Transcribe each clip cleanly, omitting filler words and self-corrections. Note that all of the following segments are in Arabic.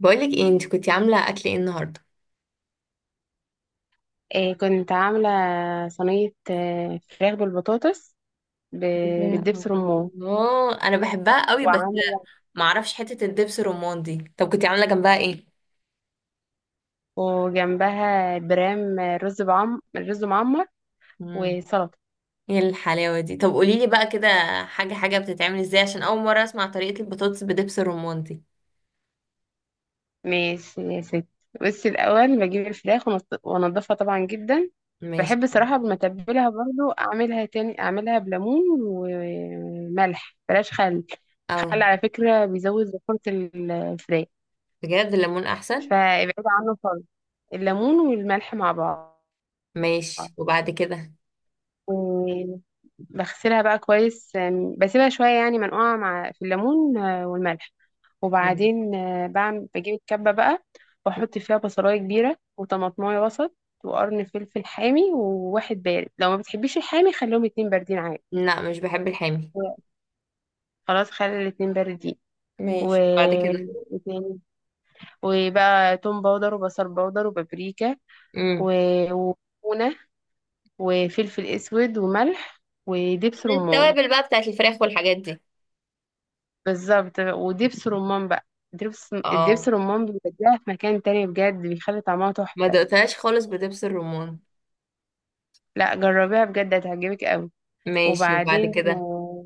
بقولك ايه، انت كنتي عامله اكل ايه النهارده؟ إيه كنت عاملة صينية، فراخ بالبطاطس كده. بالدبس رمان. الله، انا بحبها قوي بس وعاملة معرفش حته الدبس الرمان دي. طب كنتي عامله جنبها ايه؟ وجنبها برام رز معمر امم. وسلطة. ايه الحلاوه دي! طب قوليلي بقى كده، حاجه حاجه بتتعمل ازاي عشان اول مره اسمع طريقه البطاطس بدبس الرمان دي. ماشي يا ست، بس الأول بجيب الفراخ وأنضفها طبعا جدا. ماشي. بحب صراحة لما أتبلها برضو أعملها تاني، أعملها بليمون وملح بلاش خل. اه. الخل على فكرة بيزود زفرة الفراخ، بجد الليمون احسن. فابعد عنه خالص. الليمون والملح مع بعض، ماشي، وبعد كده؟ وبغسلها بقى كويس. بسيبها شوية يعني منقوعة مع في الليمون والملح. مم. وبعدين بجيب الكبة بقى، واحط فيها بصلاية كبيرة وطماطماية وسط وقرن فلفل حامي وواحد بارد. لو ما بتحبيش الحامي خليهم اتنين باردين عادي، لا، مش بحب الحامي. خلاص خلي الاتنين باردين. و... ماشي، وبعد كده؟ وتاني- وبقى توم باودر وبصل باودر وبابريكا امم. و... وكمونة وفلفل اسود وملح ودبس رمان. التوابل بقى بتاعت الفراخ والحاجات دي. بالظبط، ودبس رمان بقى. الدبس اه. رمان بيوديها في مكان تاني بجد، بيخلي طعمها ما تحفة. دقتهاش خالص بدبس الرمان. لا جربيها بجد هتعجبك قوي. ماشي، وبعد وبعدين كده؟ آه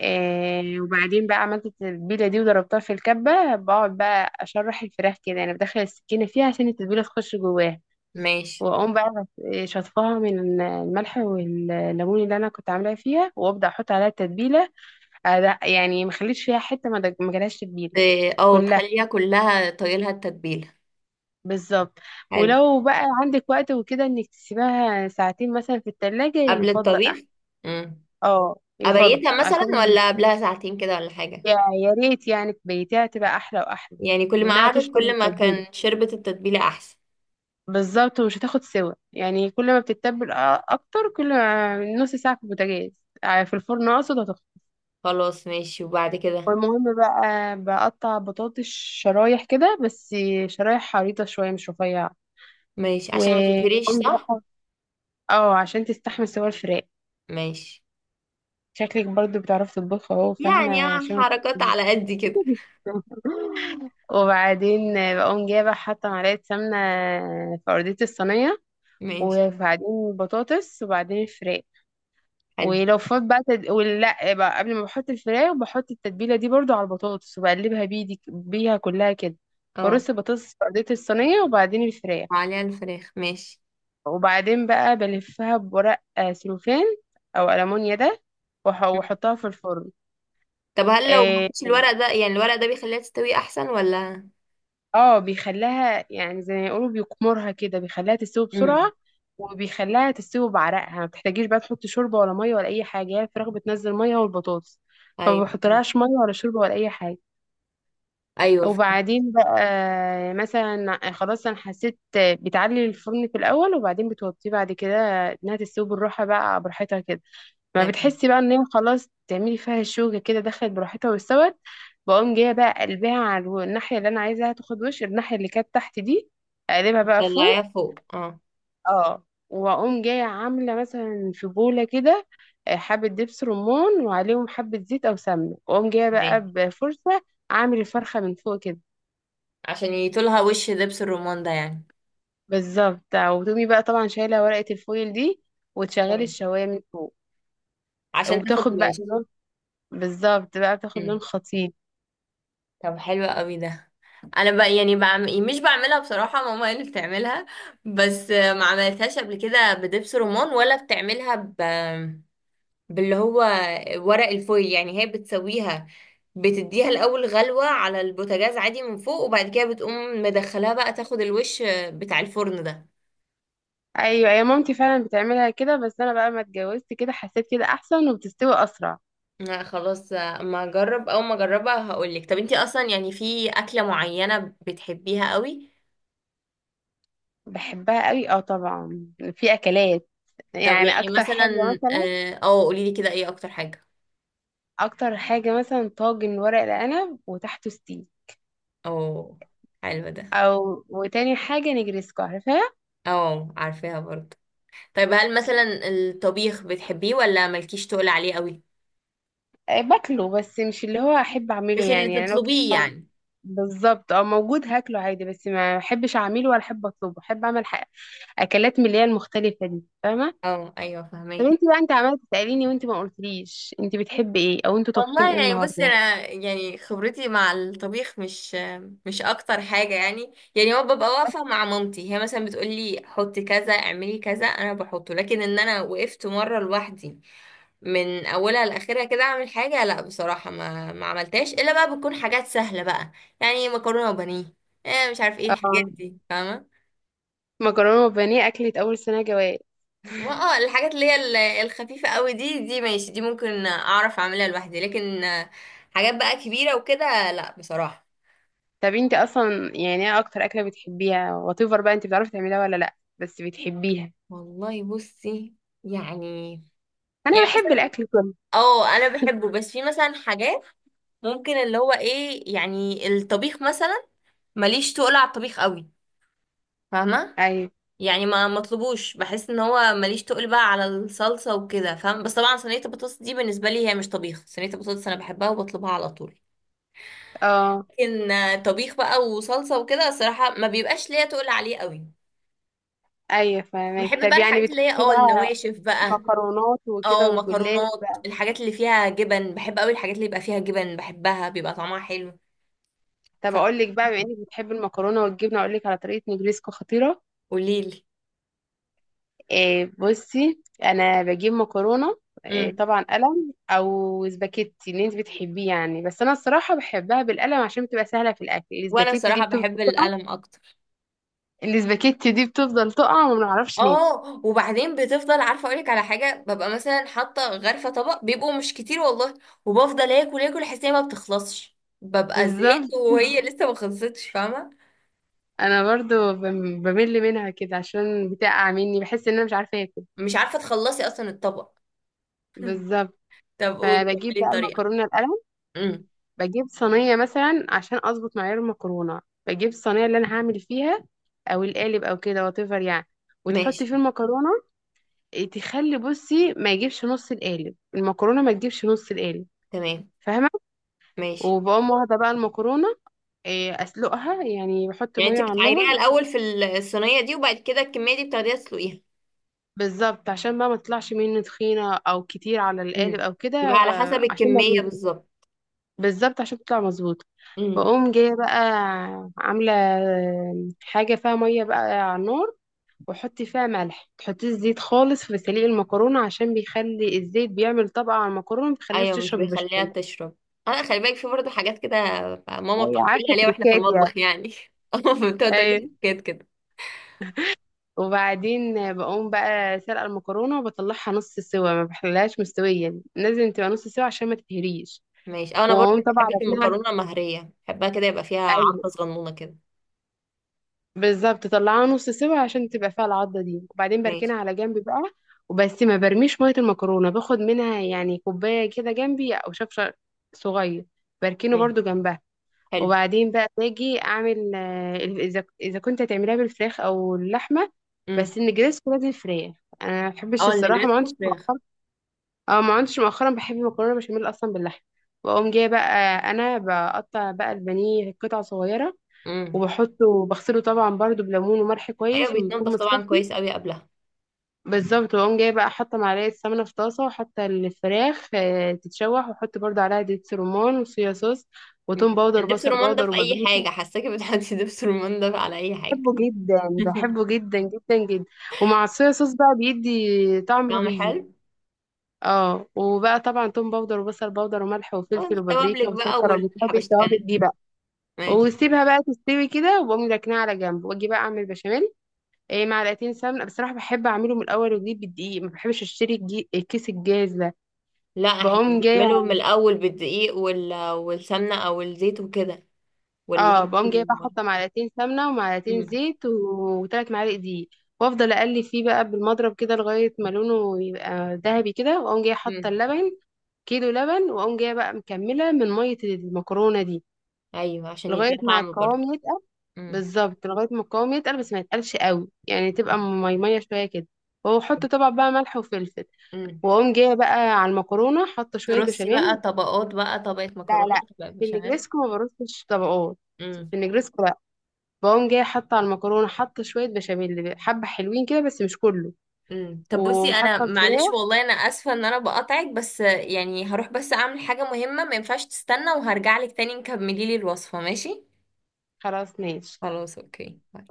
آه، وبعدين بقى عملت التتبيلة دي وضربتها في الكبة. بقعد بقى أشرح الفراخ كده، أنا بدخل السكينة فيها عشان التتبيلة تخش جواها، ماشي. وأقوم بقى شطفها من الملح والليمون اللي أنا كنت عاملاها فيها، وأبدأ أحط عليها التتبيلة. آه، لا، يعني ما خليتش فيها حتة ما جالهاش تتبيلة، إيه، اه، كلها. تخليها كلها طايلها التتبيلة. بالظبط، حلو. ولو بقى عندك وقت وكده انك تسيبها ساعتين مثلا في التلاجة قبل يفضل الطبيخ؟ احسن. امم. اه يفضل، ابيتها مثلا عشان ولا قبلها ساعتين كده ولا حاجة؟ يا يا ريت يعني بيتها تبقى احلى واحلى. يعني كل ما انها قعدت تشرب من كل ما التتبيله كان شربت التتبيلة احسن. بالظبط، ومش هتاخد سوا. يعني كل ما بتتبل اكتر، كل ما نص ساعه في البوتاجاز، في الفرن اقصد هتخلص. خلاص، ماشي، وبعد كده؟ والمهم بقى، بقطع بطاطس شرايح كده بس، شرايح عريضه شويه مش رفيعه. ماشي، و عشان ما تتهريش، صح؟ اه عشان تستحمل سوا الفراخ. ماشي. شكلك برضو بتعرفي تطبخي اهو يعني فاهمة اه، عشان حركات تتكلميش. على قد كده. وبعدين بقوم حاطة معلقة سمنة في أرضية الصينية، ماشي. وبعدين بطاطس وبعدين الفراخ. حلو. ولو فات بقى تد... ولا بقى قبل ما بحط الفراخ بحط التتبيلة دي برضو على البطاطس وبقلبها بيدي بيها كلها كده. اه. برص البطاطس في أرضية الصينية وبعدين الفراخ. وعليها الفراخ، ماشي. وبعدين بقى بلفها بورق سلوفان أو ألمونيا ده، مم. وأحطها في الفرن. طب هل لو ما آه، فيش الورق ده، يعني الورق ده بيخليها تستوي احسن ولا؟ اه بيخليها يعني زي ما يقولوا بيقمرها كده، بيخليها تستوي امم. بسرعة، وبيخليها تستوي بعرقها. ما بتحتاجيش بقى تحط شوربة ولا مية ولا أي حاجة، هي الفراخ بتنزل مية والبطاطس، فما ايوه، ايوه. بحطلهاش مية ولا شوربة ولا أي حاجة. ايوه. وبعدين بقى مثلا خلاص أنا حسيت، بتعلي الفرن في الأول وبعدين بتوطيه بعد كده، إنها تستوي بالراحة بقى براحتها كده. ما تمام. بتحسي بقى ان هي خلاص، تعملي فيها الشوكة كده دخلت براحتها واستوت. بقوم جاية بقى قلبها على الناحية اللي انا عايزاها تاخد وش، الناحية اللي كانت تحت دي اقلبها بقى تطلعيها فوق. فوق، اه. اه واقوم جاية عاملة مثلا في بولة كده حبة دبس رمان وعليهم حبة زيت او سمنة، واقوم جاية بقى ماشي، بفرشة اعمل الفرخة من فوق كده. عشان يطولها وش لبس الرمان ده يعني. بالظبط، وتقومي بقى طبعا شايلة ورقة الفويل دي وتشغلي ماشي. الشواية من فوق عشان تاخد وتاخد بقى وش. لون. بالظبط بقى بتاخد لون مم. خطير. طب، حلو قوي ده. انا بقى يعني مش بعملها، بصراحه ماما هي اللي بتعملها. بس ما عملتهاش قبل كده بدبس رمان، ولا بتعملها باللي هو، ورق الفويل يعني هي بتسويها. بتديها الاول غلوه على البوتاجاز عادي من فوق، وبعد كده بتقوم مدخلاها بقى تاخد الوش بتاع الفرن ده. ايوه يا مامتي فعلا بتعملها كده، بس انا بقى ما اتجوزت كده حسيت كده احسن وبتستوي اسرع. لا، خلاص ما اجرب او ما اجربها هقولك. طب، انتي اصلا يعني في اكلة معينة بتحبيها قوي؟ بحبها قوي اه طبعا، في اكلات، طب، يعني يعني اكتر حاجه مثلا مثلا، اه، أو قوليلي كده، ايه اكتر حاجة؟ اكتر حاجه مثلا طاجن ورق العنب وتحته ستيك، او. حلو ده. او وتاني حاجه نجرسكو عارفاها. او، عارفاها برضه. طيب، هل مثلا الطبيخ بتحبيه ولا مالكيش تقول عليه قوي؟ باكله بس مش اللي هو احب اعمله مش اللي يعني. يعني تطلبيه يعني؟ بالظبط، اه موجود هاكله عادي بس ما احبش اعمله ولا احب اطلبه، احب اعمل حاجة اكلات من اللي هي المختلفه دي، فاهمه. اه، ايوه، طب فهماكي. انت بقى انت عماله تساليني وانت ما قلتليش انت بتحبي ايه او انتوا طابخين والله ايه يعني، بصي النهارده؟ انا يعني خبرتي مع الطبيخ مش اكتر حاجه، يعني يعني هو ببقى واقفه مع مامتي، هي مثلا بتقولي حطي كذا اعملي كذا انا بحطه، لكن ان انا وقفت مره لوحدي من اولها لاخرها كده اعمل حاجه، لا بصراحه ما عملتهاش الا بقى بتكون حاجات سهله بقى. يعني مكرونه وبانيه، إيه مش عارف ايه الحاجات اه، دي، فاهمه؟ مكرونه وبانيه اكلت اول سنه جواز. ما اه، الحاجات اللي هي الخفيفه قوي دي ماشي، دي ممكن اعرف اعملها لوحدي، لكن حاجات بقى كبيره وكده، لا بصراحه. طب انت اصلا يعني ايه اكتر اكله بتحبيها واتيفر بقى انت بتعرفي تعمليها ولا لا بس بتحبيها؟ والله بصي، يعني انا يعني بحب مثلا الاكل كله. اه، انا بحبه بس في مثلا حاجات ممكن اللي هو ايه يعني الطبيخ مثلا، ماليش تقل على الطبيخ قوي. فاهمه؟ ايوه، يعني ما مطلبوش، بحس ان هو ماليش تقل بقى على الصلصه وكده، فاهم؟ بس طبعا صينيه البطاطس دي بالنسبه لي هي مش طبيخ، صينيه البطاطس انا بحبها وبطلبها على طول. اه لكن طبيخ بقى وصلصه وكده، الصراحه ما بيبقاش ليا تقل عليه قوي. ايوه فاهمك. بحب بقى طب يعني الحاجات اللي هي بتحبي بقى النواشف بقى. مكرونات وكده اه، والجلاش مكرونات، بقى. الحاجات اللي فيها جبن بحب قوي، الحاجات اللي يبقى فيها جبن بحبها بيبقى طعمها حلو. طب اقول لك بقى، بما انك بتحبي المكرونه والجبنه اقول لك على طريقه نجريسكو خطيره. فقوليلي. إيه بصي، انا بجيب مكرونه، إيه امم. طبعا قلم او سباكيتي اللي انت بتحبيه يعني، بس انا الصراحه بحبها بالقلم عشان بتبقى سهله في الاكل، وانا السباكيتي دي بصراحه بتفضل بحب تقع. القلم اكتر. وما بنعرفش ناكل. اه، وبعدين بتفضل، عارفه اقولك على حاجه؟ ببقى مثلا حاطه غرفه طبق بيبقوا مش كتير والله، وبفضل اكل اكل، احس إن هي ما بتخلصش، ببقى بالظبط. زهقت وهي لسه ما خلصتش، فاهمه؟ انا برضو بمل منها كده عشان بتقع مني، بحس ان انا مش عارفه اكل. مش عارفه تخلصي اصلا الطبق. بالظبط. طب قولي، فبجيب كملي بقى الطريقه. المكرونه القلم، امم. بجيب صينية مثلا عشان أظبط معيار المكرونة، بجيب الصينية اللي أنا هعمل فيها أو القالب أو كده واتيفر يعني، وتحطي ماشي. فيه المكرونة. إيه، تخلي بصي ما يجيبش نص القالب المكرونة، ما تجيبش نص القالب، تمام. فاهمة؟ ماشي. وبقوم واخدة بقى المكرونة، إيه، أسلقها، يعني بحط يعني انت مية على بتعايريها النار. الاول في الصينيه دي، وبعد كده الكميه دي بتاخديها تسلقيها؟ بالظبط عشان بقى ما تطلعش مني تخينة أو كتير على القالب امم. أو كده. يبقى على حسب عشان ما الكميه تجيش. بالظبط. بالظبط عشان تطلع مظبوطة. امم. بقوم جاية بقى عاملة حاجة فيها مية بقى على النار، وحطي فيها ملح. تحطي الزيت خالص في سليق المكرونة عشان بيخلي الزيت بيعمل طبقة على المكرونة، ما بيخليهاش ايوه، مش تشرب بيخليها البشاميل. تشرب. انا خلي بالك، في برضه حاجات كده. ماما ايوه، بتقعد تقول لي عارفه، عليها واحنا في تريكات يعني. المطبخ يعني. ماما بتقعد تقول لي ايوه. حاجات كده. وبعدين بقوم بقى سلقة المكرونة وبطلعها نص سوا، ما بخليهاش مستوية، لازم تبقى نص سوا عشان ما تتهريش، ماشي. أو انا برضه واقوم طبعا بحب راكنها. المكرونه مهريه، بحبها كده يبقى فيها ايوه، عضه صغنونه كده. بالظبط طلعها نص سوا عشان تبقى فيها العضة دي، وبعدين ماشي. بركنها على جنب بقى. وبس ما برميش مية المكرونة، باخد منها يعني كوباية كده جنبي او شفشة صغير، بركنه ايوه. برضو جنبها. حلو. وبعدين بقى باجي اعمل اذا كنت هتعمليها بالفراخ او اللحمه، امم. بس النجريسكو لازم فراخ. انا ما بحبش اه، الصراحه ما عندش، النجريسكو فراخ. اه ما عندش، مؤخرا بحب مكرونه بشاميل اصلا باللحمه. واقوم جايه بقى انا بقطع بقى البانيه قطع صغيره، امم. وبحطه بغسله طبعا برضو بليمون وملح ايوه، كويس ويكون بيتنضف طبعا متصفي. كويس قوي قبلها. بالظبط، واقوم جايه بقى حاطه معلقه سمنه في طاسه وحاطه الفراخ تتشوح، واحط برضو عليها دبس رمان وصويا صوص مم. وتوم باودر دبس وبصل رمان ده باودر في اي وبابريكا. حاجه، حاساكي بتحطي دبس رمان ده على اي حاجه؟ بحبه جدا، بحبه جدا جدا جدا. ومع الصويا صوص بقى بيدي طعم طعمه رهيب. حلو. اه، وبقى طبعا توم باودر وبصل باودر وملح اه، وفلفل وبابريكا التوابلك بقى وسكر، وبتحبي والحبشتكنات التوابل دي دي. بقى. ماشي. وسيبها بقى تستوي كده، وبقوم راكناها على جنب واجي بقى اعمل بشاميل. إيه، معلقتين سمنه، بصراحه بحب اعمله من الاول وجديد بالدقيق، ما بحبش اشتري الكيس الجاهز ده. لا، احنا بقوم جايه بنعمله من الاول بالدقيق والسمنه او الزيت وكده، اه واللبن بقوم جايبه احط معلقتين سمنه ومعلقتين مم. زيت وثلاث معالق دقيق، وافضل اقلب فيه بقى بالمضرب كده لغايه ما لونه يبقى ذهبي كده، واقوم جايه حاطه مم. اللبن، كيلو لبن، واقوم جايه بقى مكمله من ميه المكرونه دي ايوه، عشان لغايه يديها ما طعم برضه. القوام يتقل. مم. بالظبط، لغايه ما القوام يتقل بس ما يتقلش قوي، يعني تبقى ميميه شويه كده، واحط طبعا بقى ملح وفلفل. مم. واقوم جايه بقى على المكرونه حاطه شويه ترصي بقى بشاميل. طبقات بقى، طبقه لا مكرونه، لا، طبقه في بشاميل. النجريسكو ما برصش طبقات. مم. في النجريسكو بقوم جايه حاطه على المكرونه حاطه شويه بشاميل حبه حلوين كده بس مش كله، مم. طب بصي، انا وحاطه معلش الفراخ. والله، انا اسفه ان انا بقاطعك بس يعني، هروح بس اعمل حاجه مهمه ما ينفعش تستنى، وهرجع لك تاني نكملي لي الوصفه، ماشي؟ خلاص ماشي خلاص، اوكي. باي.